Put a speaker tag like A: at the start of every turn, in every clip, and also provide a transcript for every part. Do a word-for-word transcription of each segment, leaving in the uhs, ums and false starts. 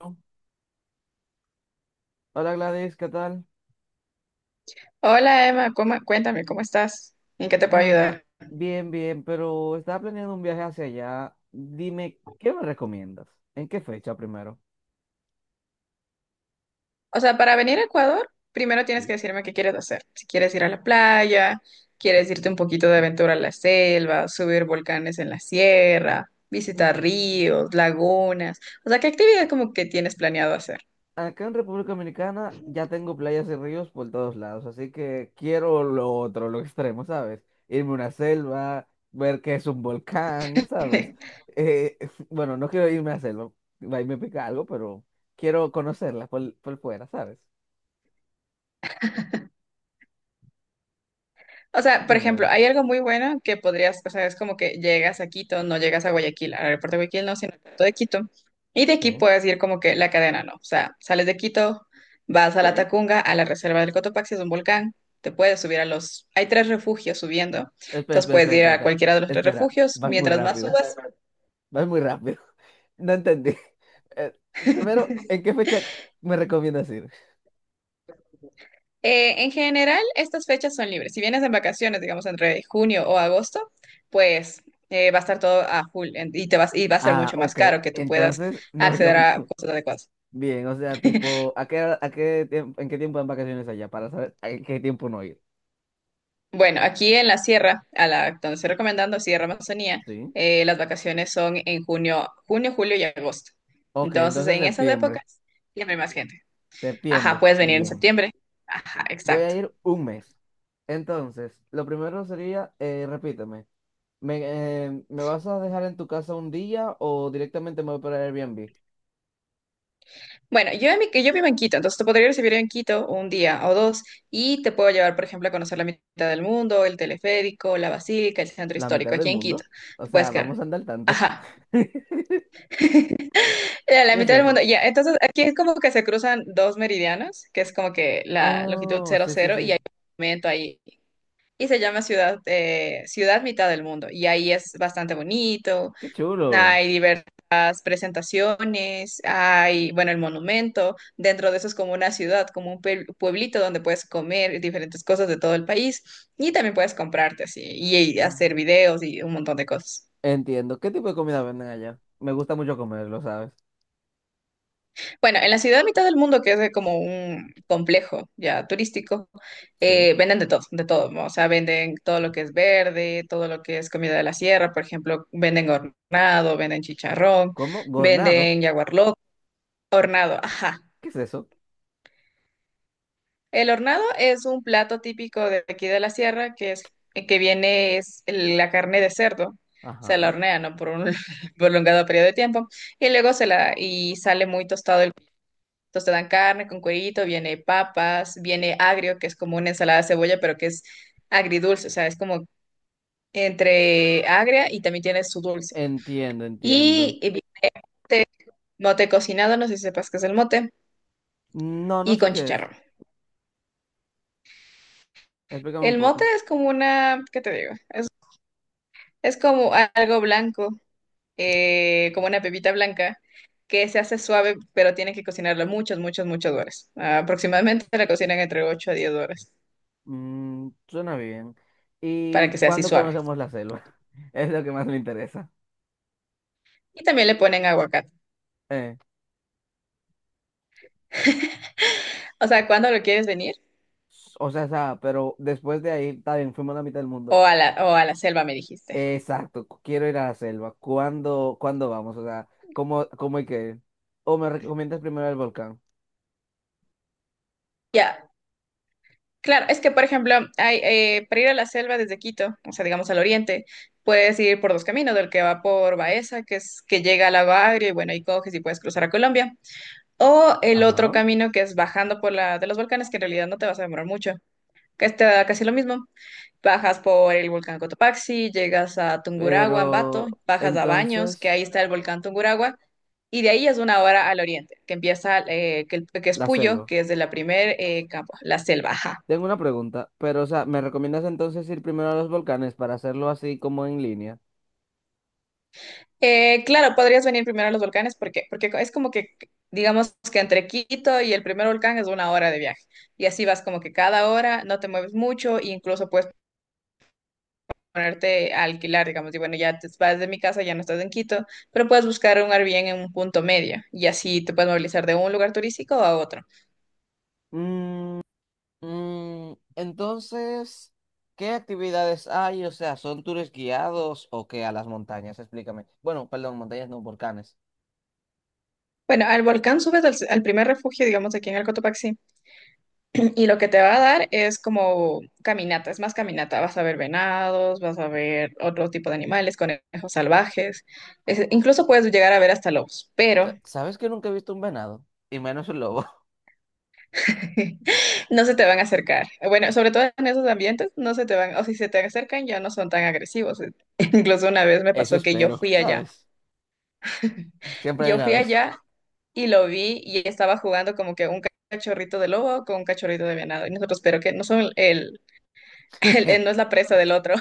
A: Hola Gladys, ¿qué tal?
B: Hola Emma, ¿cómo- cuéntame, ¿cómo estás? ¿En qué te puedo
A: Ah,
B: ayudar?
A: bien, bien, pero estaba planeando un viaje hacia allá. Dime, ¿qué me recomiendas? ¿En qué fecha primero?
B: O sea, para venir a Ecuador, primero tienes que
A: Sí.
B: decirme qué quieres hacer. Si quieres ir a la playa, quieres irte un poquito de aventura a la selva, subir volcanes en la sierra, visitar
A: Mm,
B: ríos, lagunas. O sea, ¿qué actividad como que tienes planeado hacer?
A: Acá en República Dominicana ya tengo playas y ríos por todos lados, así que quiero lo otro, lo extremo, ¿sabes? Irme a una selva, ver qué es un volcán, ¿sabes? Eh, bueno, no quiero irme a la selva, ahí me pica algo, pero quiero conocerla por, por fuera, ¿sabes?
B: O sea, por ejemplo,
A: Dime,
B: hay algo muy bueno que podrías, o sea, es como que llegas a Quito, no llegas a Guayaquil, al aeropuerto de Guayaquil, no, sino al aeropuerto de Quito. Y de
A: sí.
B: aquí puedes ir como que la cadena, ¿no? O sea, sales de Quito, vas a la Ok. Tacunga, a la reserva del Cotopaxi, es un volcán, te puedes subir a los. Hay tres refugios subiendo,
A: Espera,
B: entonces
A: espera,
B: puedes
A: espera,
B: ir
A: espera,
B: a
A: espera.
B: cualquiera de los tres
A: Espera,
B: refugios,
A: vas muy
B: mientras más
A: rápido.
B: subas.
A: Vas muy rápido. No entendí. Eh, Primero, ¿en qué fecha me recomiendas ir?
B: Eh, en general, estas fechas son libres. Si vienes en vacaciones, digamos entre junio o agosto, pues eh, va a estar todo a full en- y te vas y va a ser
A: Ah,
B: mucho más
A: ok.
B: caro que tú puedas
A: Entonces, no es lo
B: acceder a
A: mismo.
B: cosas adecuadas.
A: Bien, o sea, tipo, ¿a qué, hora- a qué tiempo, en qué tiempo dan vacaciones allá? Para saber a qué tiempo no ir.
B: Bueno, aquí en la sierra, a la donde estoy recomendando Sierra Amazonía,
A: ¿Sí?
B: eh, las vacaciones son en junio, junio, julio y agosto.
A: Ok,
B: Entonces,
A: entonces
B: en esas épocas
A: septiembre.
B: siempre hay más gente. Ajá,
A: Septiembre.
B: puedes venir en
A: Bien.
B: septiembre. Ajá,
A: Voy a
B: exacto.
A: ir un mes. Entonces, lo primero sería, eh, repíteme, ¿me, eh, ¿me vas a dejar en tu casa un día o directamente me voy para Airbnb?
B: Bueno, yo, en mi- yo vivo en Quito, entonces te podría recibir en Quito un día o dos y te puedo llevar, por ejemplo, a conocer la mitad del mundo, el teleférico, la basílica, el centro
A: ¿La mitad
B: histórico,
A: del
B: aquí en Quito.
A: mundo? O
B: Te
A: sea,
B: puedes
A: vamos
B: quedar.
A: a andar al tanto.
B: Ajá. Eh, La
A: ¿Qué es
B: mitad del
A: eso?
B: mundo, ya. Entonces, aquí es como que se cruzan dos meridianos, que es como que la longitud
A: Oh,
B: cero
A: sí, sí,
B: cero y
A: sí.
B: hay un momento ahí. Y se llama ciudad, eh, ciudad mitad del mundo. Y ahí es bastante bonito.
A: Qué chulo.
B: Hay diversas presentaciones, hay, bueno, el monumento, dentro de eso es como una ciudad, como un puebl- pueblito donde puedes comer diferentes cosas de todo el país y también puedes comprarte así y, y
A: Mm.
B: hacer videos y un montón de cosas.
A: Entiendo. ¿Qué tipo de comida venden allá? Me gusta mucho comerlo, ¿sabes?
B: Bueno, en la ciudad mitad del mundo, que es de como un complejo ya turístico,
A: Sí.
B: eh, venden de todo, de todo, ¿no? O sea, venden todo lo que es verde, todo lo que es comida de la sierra, por ejemplo, venden hornado, venden chicharrón,
A: ¿Cómo? ¿Gornado?
B: venden jaguar lo- hornado, ajá.
A: ¿Qué es eso?
B: El hornado es un plato típico de aquí de la sierra que es eh, que viene es el- la carne de cerdo. Se la
A: Ajá.
B: hornea, ¿no? Por un prolongado periodo de tiempo y luego se la y sale muy tostado el entonces te dan carne con cuerito, viene papas, viene agrio, que es como una ensalada de cebolla, pero que es agridulce, o sea, es como entre agria y también tiene su dulce.
A: Entiendo, entiendo.
B: Y, y vi- Mote cocinado, no sé si sepas qué es el mote,
A: No, no
B: y
A: sé
B: con
A: qué es.
B: chicharrón.
A: Explícame un
B: El mote
A: poco.
B: es como una, ¿qué te digo? Es como algo blanco eh, como una pepita blanca, que se hace suave, pero tiene que cocinarla muchas, muchas, muchas horas. Ah, aproximadamente la cocinan entre ocho a diez horas
A: Mm, suena bien.
B: para
A: ¿Y
B: que sea así
A: cuándo
B: suave.
A: conocemos la selva? Es lo que más me interesa.
B: Y también le ponen aguacate.
A: Eh,
B: O sea, ¿cuándo lo quieres venir?
A: s- o sea, sa- pero después de ahí, está bien, fuimos a la mitad del mundo.
B: O a la, o a la selva, me dijiste.
A: Exacto, cu- quiero ir a la selva. ¿Cuándo, cuándo vamos? O sea, ¿cómo, cómo hay que ir? O me recomiendas primero el volcán.
B: Ya, claro, es que, por ejemplo, hay, eh, para ir a la selva desde Quito, o sea, digamos al oriente, puedes ir por dos caminos, del que va por Baeza, que es que llega a la Bagre, y bueno, ahí coges y puedes cruzar a Colombia. O el otro
A: Ajá.
B: camino que es bajando por la de los volcanes, que en realidad no te vas a demorar mucho, que está casi lo mismo. Bajas por el volcán Cotopaxi, llegas a Tungurahua, Ambato,
A: Pero
B: bajas a Baños, que
A: entonces,
B: ahí está el volcán Tungurahua, y de ahí es una hora al oriente, que empieza, eh, que, el- que es
A: la
B: Puyo,
A: selva.
B: que es de la primer eh, campo, la selva. Ajá.
A: Tengo una pregunta, pero o sea, ¿me recomiendas entonces ir primero a los volcanes para hacerlo así como en línea?
B: Eh, claro, podrías venir primero a los volcanes, ¿por qué? Porque es como que, digamos que entre Quito y el primer volcán es una hora de viaje, y así vas como que cada hora, no te mueves mucho, e incluso puedes ponerte a alquilar, digamos, y bueno, ya te vas de mi casa, ya no estás en Quito, pero puedes buscar un Airbnb en un punto medio y así te puedes movilizar de un lugar turístico a otro.
A: Mm, mm, entonces, ¿qué actividades hay? O sea, ¿son tours guiados o qué a las montañas? Explícame. Bueno, perdón, montañas no, volcanes.
B: Bueno, al volcán subes al, al primer refugio, digamos, aquí en el Cotopaxi, y lo que te va a dar es como caminata, es más caminata, vas a ver venados, vas a ver otro tipo de animales, conejos salvajes, es- incluso puedes llegar a ver hasta lobos,
A: Sa-
B: pero
A: ¿Sabes que nunca he visto un venado? Y menos un lobo.
B: no se te van a acercar. Bueno, sobre todo en esos ambientes, no se te van, o si se te acercan, ya no son tan agresivos. Incluso una vez me
A: Eso
B: pasó que yo
A: espero,
B: fui allá.
A: ¿sabes? Siempre hay
B: Yo
A: una
B: fui
A: vez.
B: allá y lo vi y estaba jugando como que un cachorrito de lobo con un cachorrito de venado. Y nosotros, pero que no son el, el- el- no es la presa del otro,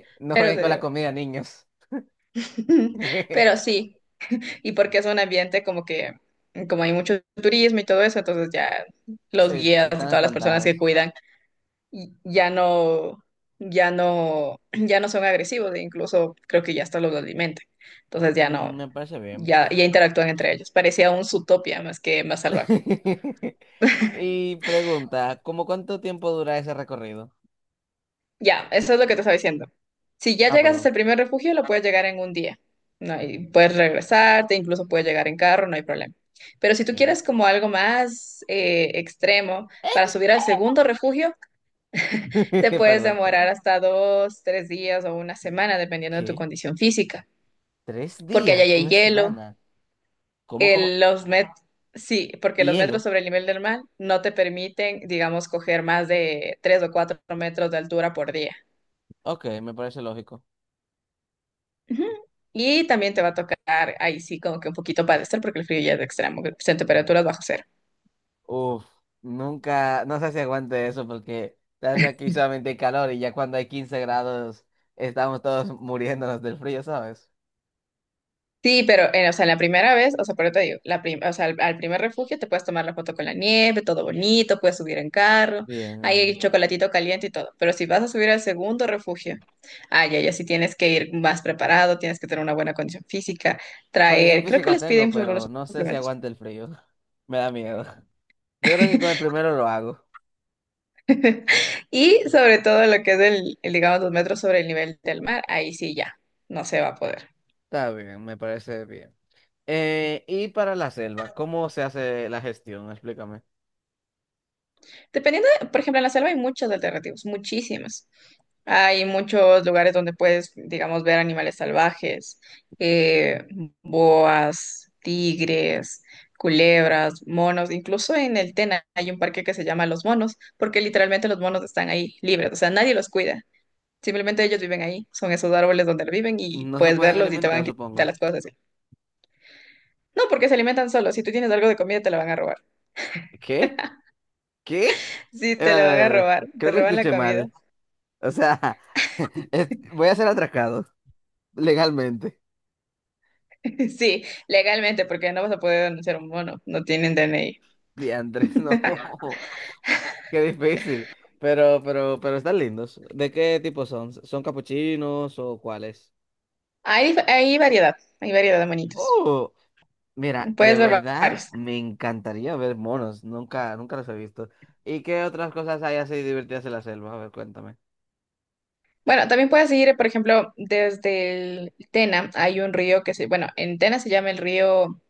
A: No
B: pero
A: jueguen
B: se
A: con la
B: dio.
A: comida, niños.
B: Pero sí, y porque es un ambiente como que, como hay mucho turismo y todo eso, entonces ya
A: Sí,
B: los guías y
A: están
B: todas las personas que
A: espantados.
B: cuidan y ya no, ya no, ya no son agresivos e incluso creo que ya hasta los alimentan. Entonces ya no,
A: Mm, Me parece bien.
B: ya, ya interactúan entre ellos. Parecía un Zootopia más que más salvaje.
A: Y pregunta, ¿cómo cuánto tiempo dura ese recorrido?
B: Ya, eso es lo que te estaba diciendo. Si ya
A: Ah,
B: llegas hasta
A: perdón.
B: el primer refugio, lo puedes llegar en un día. No, y puedes regresarte, incluso puedes llegar en carro, no hay problema. Pero si tú
A: Bien.
B: quieres como algo más eh, extremo para subir al
A: Extra.
B: segundo refugio, te puedes
A: Perdón, perdón.
B: demorar hasta dos, tres días o una semana, dependiendo de tu
A: ¿Qué?
B: condición física.
A: ¿Tres
B: Porque allá
A: días?
B: ya hay
A: ¿Una
B: hielo,
A: semana? ¿Cómo, cómo?
B: el- los met sí, porque los metros
A: ¿Hielo?
B: sobre el nivel del mar no te permiten, digamos, coger más de tres o cuatro metros de altura por día.
A: Ok, me parece lógico.
B: Ujú. Y también te va a tocar ahí sí como que un poquito padecer porque el frío ya es extremo, son temperaturas bajo cero.
A: Uf, nunca, no sé si aguante eso porque sabes que aquí solamente hay calor y ya cuando hay quince grados estamos todos muriéndonos del frío, ¿sabes?
B: Sí, pero, eh, o sea, en la primera vez, o sea, por eso te digo, la prim- o sea, al, al primer refugio te puedes tomar la foto con la nieve, todo bonito, puedes subir en carro, ahí hay
A: Bien.
B: chocolatito caliente y todo. Pero si vas a subir al segundo refugio, ay, ya, ya sí tienes que ir más preparado, tienes que tener una buena condición física,
A: Condición
B: traer, creo que
A: física
B: les
A: tengo,
B: piden
A: pero
B: algunos
A: no sé si
B: suplementos.
A: aguante el frío. Me da miedo. Yo creo que con el primero lo hago.
B: Y sobre todo lo que es el, el, digamos, dos metros sobre el nivel del mar, ahí sí ya, no se va a poder.
A: Está bien, me parece bien. Eh, y para la selva, ¿cómo se hace la gestión? Explícame.
B: Dependiendo de- por ejemplo, en la selva hay muchos alternativos, muchísimos. Hay muchos lugares donde puedes, digamos, ver animales salvajes, eh, boas, tigres, culebras, monos. Incluso en el Tena hay un parque que se llama Los Monos, porque literalmente los monos están ahí libres, o sea, nadie los cuida. Simplemente ellos viven ahí, son esos árboles donde viven y
A: No se
B: puedes
A: pueden
B: verlos y te van a
A: alimentar,
B: quitar
A: supongo.
B: las cosas. No, porque se alimentan solos. Si tú tienes algo de comida, te la van a robar.
A: ¿Qué? ¿Qué? Eh,
B: Sí, te
A: espérate,
B: la van
A: espérate,
B: a
A: espérate.
B: robar, te
A: Creo que
B: roban la
A: escuché
B: comida.
A: mal. O sea, es- voy a ser atracado legalmente.
B: Sí, legalmente, porque no vas a poder denunciar a un mono, no tienen D N I.
A: Diantres, no. Qué difícil. Pero, pero, pero están lindos. ¿De qué tipo son? ¿Son capuchinos o cuáles?
B: Hay, dif- hay variedad, hay variedad de monitos.
A: Oh, mira, de
B: Puedes ver va-
A: verdad
B: varios.
A: me encantaría ver monos. Nunca, nunca los he visto. ¿Y qué otras cosas hay así divertidas en la selva? A ver, cuéntame.
B: Bueno, también puedes ir, por ejemplo, desde el Tena hay un río que se, bueno, en Tena se llama el río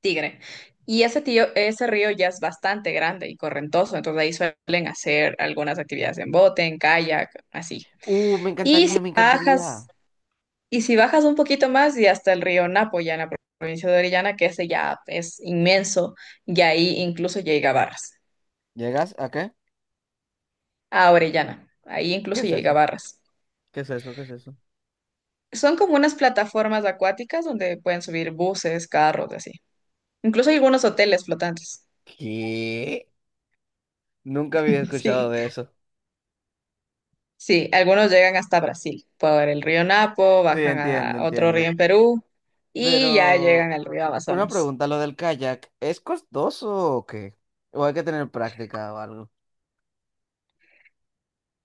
B: Tigre. Y ese tío, ese río ya es bastante grande y correntoso, entonces ahí suelen hacer algunas actividades en bote, en kayak, así.
A: Uh, me
B: Y si
A: encantaría, me encantaría.
B: bajas, y si bajas un poquito más y hasta el río Napo, ya en la provincia de Orellana, que ese ya es inmenso, y ahí incluso llega a Barras,
A: ¿Llegas a qué?
B: a Orellana, ahí
A: ¿Qué
B: incluso
A: es
B: llega a
A: eso?
B: Barras.
A: ¿Qué es eso? ¿Qué es eso?
B: Son como unas plataformas acuáticas donde pueden subir buses, carros, y así. Incluso hay algunos hoteles flotantes.
A: ¿Qué? Nunca había escuchado
B: Sí,
A: de eso.
B: sí, algunos llegan hasta Brasil, por el río Napo,
A: Sí,
B: bajan a
A: entiendo,
B: otro río
A: entiendo.
B: en Perú y ya
A: Pero
B: llegan al río
A: una
B: Amazonas.
A: pregunta, lo del kayak, ¿es costoso o qué? ¿O hay que tener práctica o algo?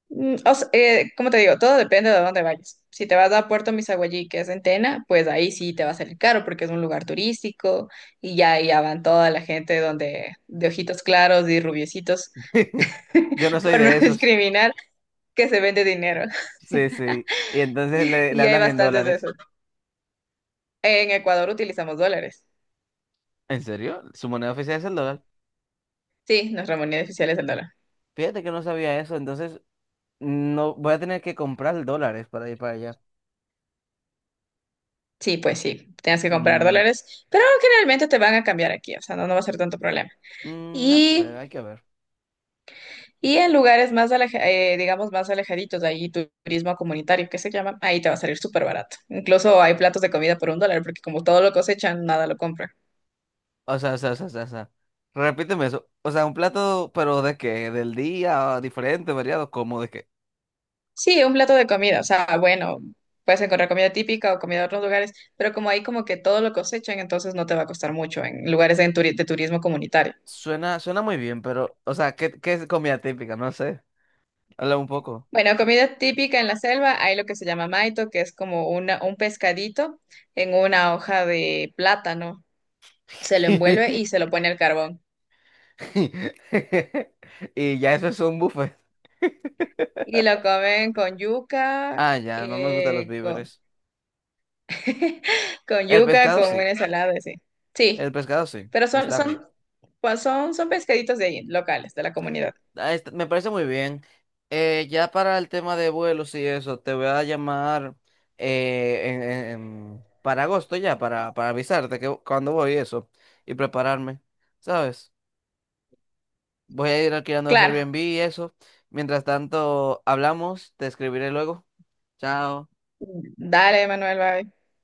B: Mm, O sea, eh, como te digo, todo depende de dónde vayas. Si te vas a Puerto Misaguallí, que es en Tena, pues ahí sí te va a salir caro porque es un lugar turístico y ya, ya van toda la gente donde, de ojitos claros y rubiecitos,
A: Yo no soy
B: por no
A: de esos.
B: discriminar, que se vende dinero.
A: Sí, sí. Y entonces le, le
B: Y hay
A: hablan en
B: bastantes de
A: dólares.
B: esos. En Ecuador utilizamos dólares.
A: ¿En serio? ¿Su moneda oficial es el dólar?
B: Sí, nuestra moneda oficial es el dólar.
A: Fíjate que no sabía eso, entonces no voy a tener que comprar dólares para ir para allá.
B: Sí, pues sí, tienes que comprar
A: Mm,
B: dólares, pero generalmente te van a cambiar aquí, o sea, no, no va a ser tanto problema.
A: mm, no sé,
B: Y,
A: hay que ver.
B: y en lugares más, aleja- eh, digamos, más alejaditos, ahí turismo comunitario, que se llama, ahí te va a salir súper barato. Incluso hay platos de comida por un dólar, porque como todo lo cosechan, nada lo compran.
A: O sea, o sea, o sea, o sea, o sea. Repíteme eso. O sea, un plato, pero ¿de qué? ¿Del día? ¿Diferente? ¿Variado? ¿Cómo de qué?
B: Sí, un plato de comida, o sea, bueno, puedes encontrar comida típica o comida de otros lugares, pero como ahí como que todo lo cosechan, entonces no te va a costar mucho en lugares de, turi- de turismo comunitario.
A: Suena, suena muy bien, pero, o sea, ¿qué, qué es comida típica? No sé. Habla un poco.
B: Bueno, comida típica en la selva, hay lo que se llama maito, que es como una, un pescadito en una hoja de plátano. Se lo envuelve y se lo pone al carbón.
A: Y ya eso es un buffet.
B: Y lo comen con yuca,
A: Ah, ya, no me gustan los
B: eh, con,
A: víveres.
B: con
A: El
B: yuca,
A: pescado
B: con
A: sí,
B: una ensalada, sí.
A: el
B: Sí,
A: pescado sí,
B: pero son,
A: está rico.
B: son, pues son, son pescaditos de ahí, locales, de la comunidad.
A: Ah, está- me parece muy bien. Eh, ya para el tema de vuelos y eso, te voy a llamar eh, en- en- en- para agosto ya, para, para avisarte que cuando voy y eso, y prepararme, ¿sabes? Voy a ir alquilando
B: Claro.
A: Airbnb y eso. Mientras tanto, hablamos, te escribiré luego. Chao.
B: Dale, Manuel, bye.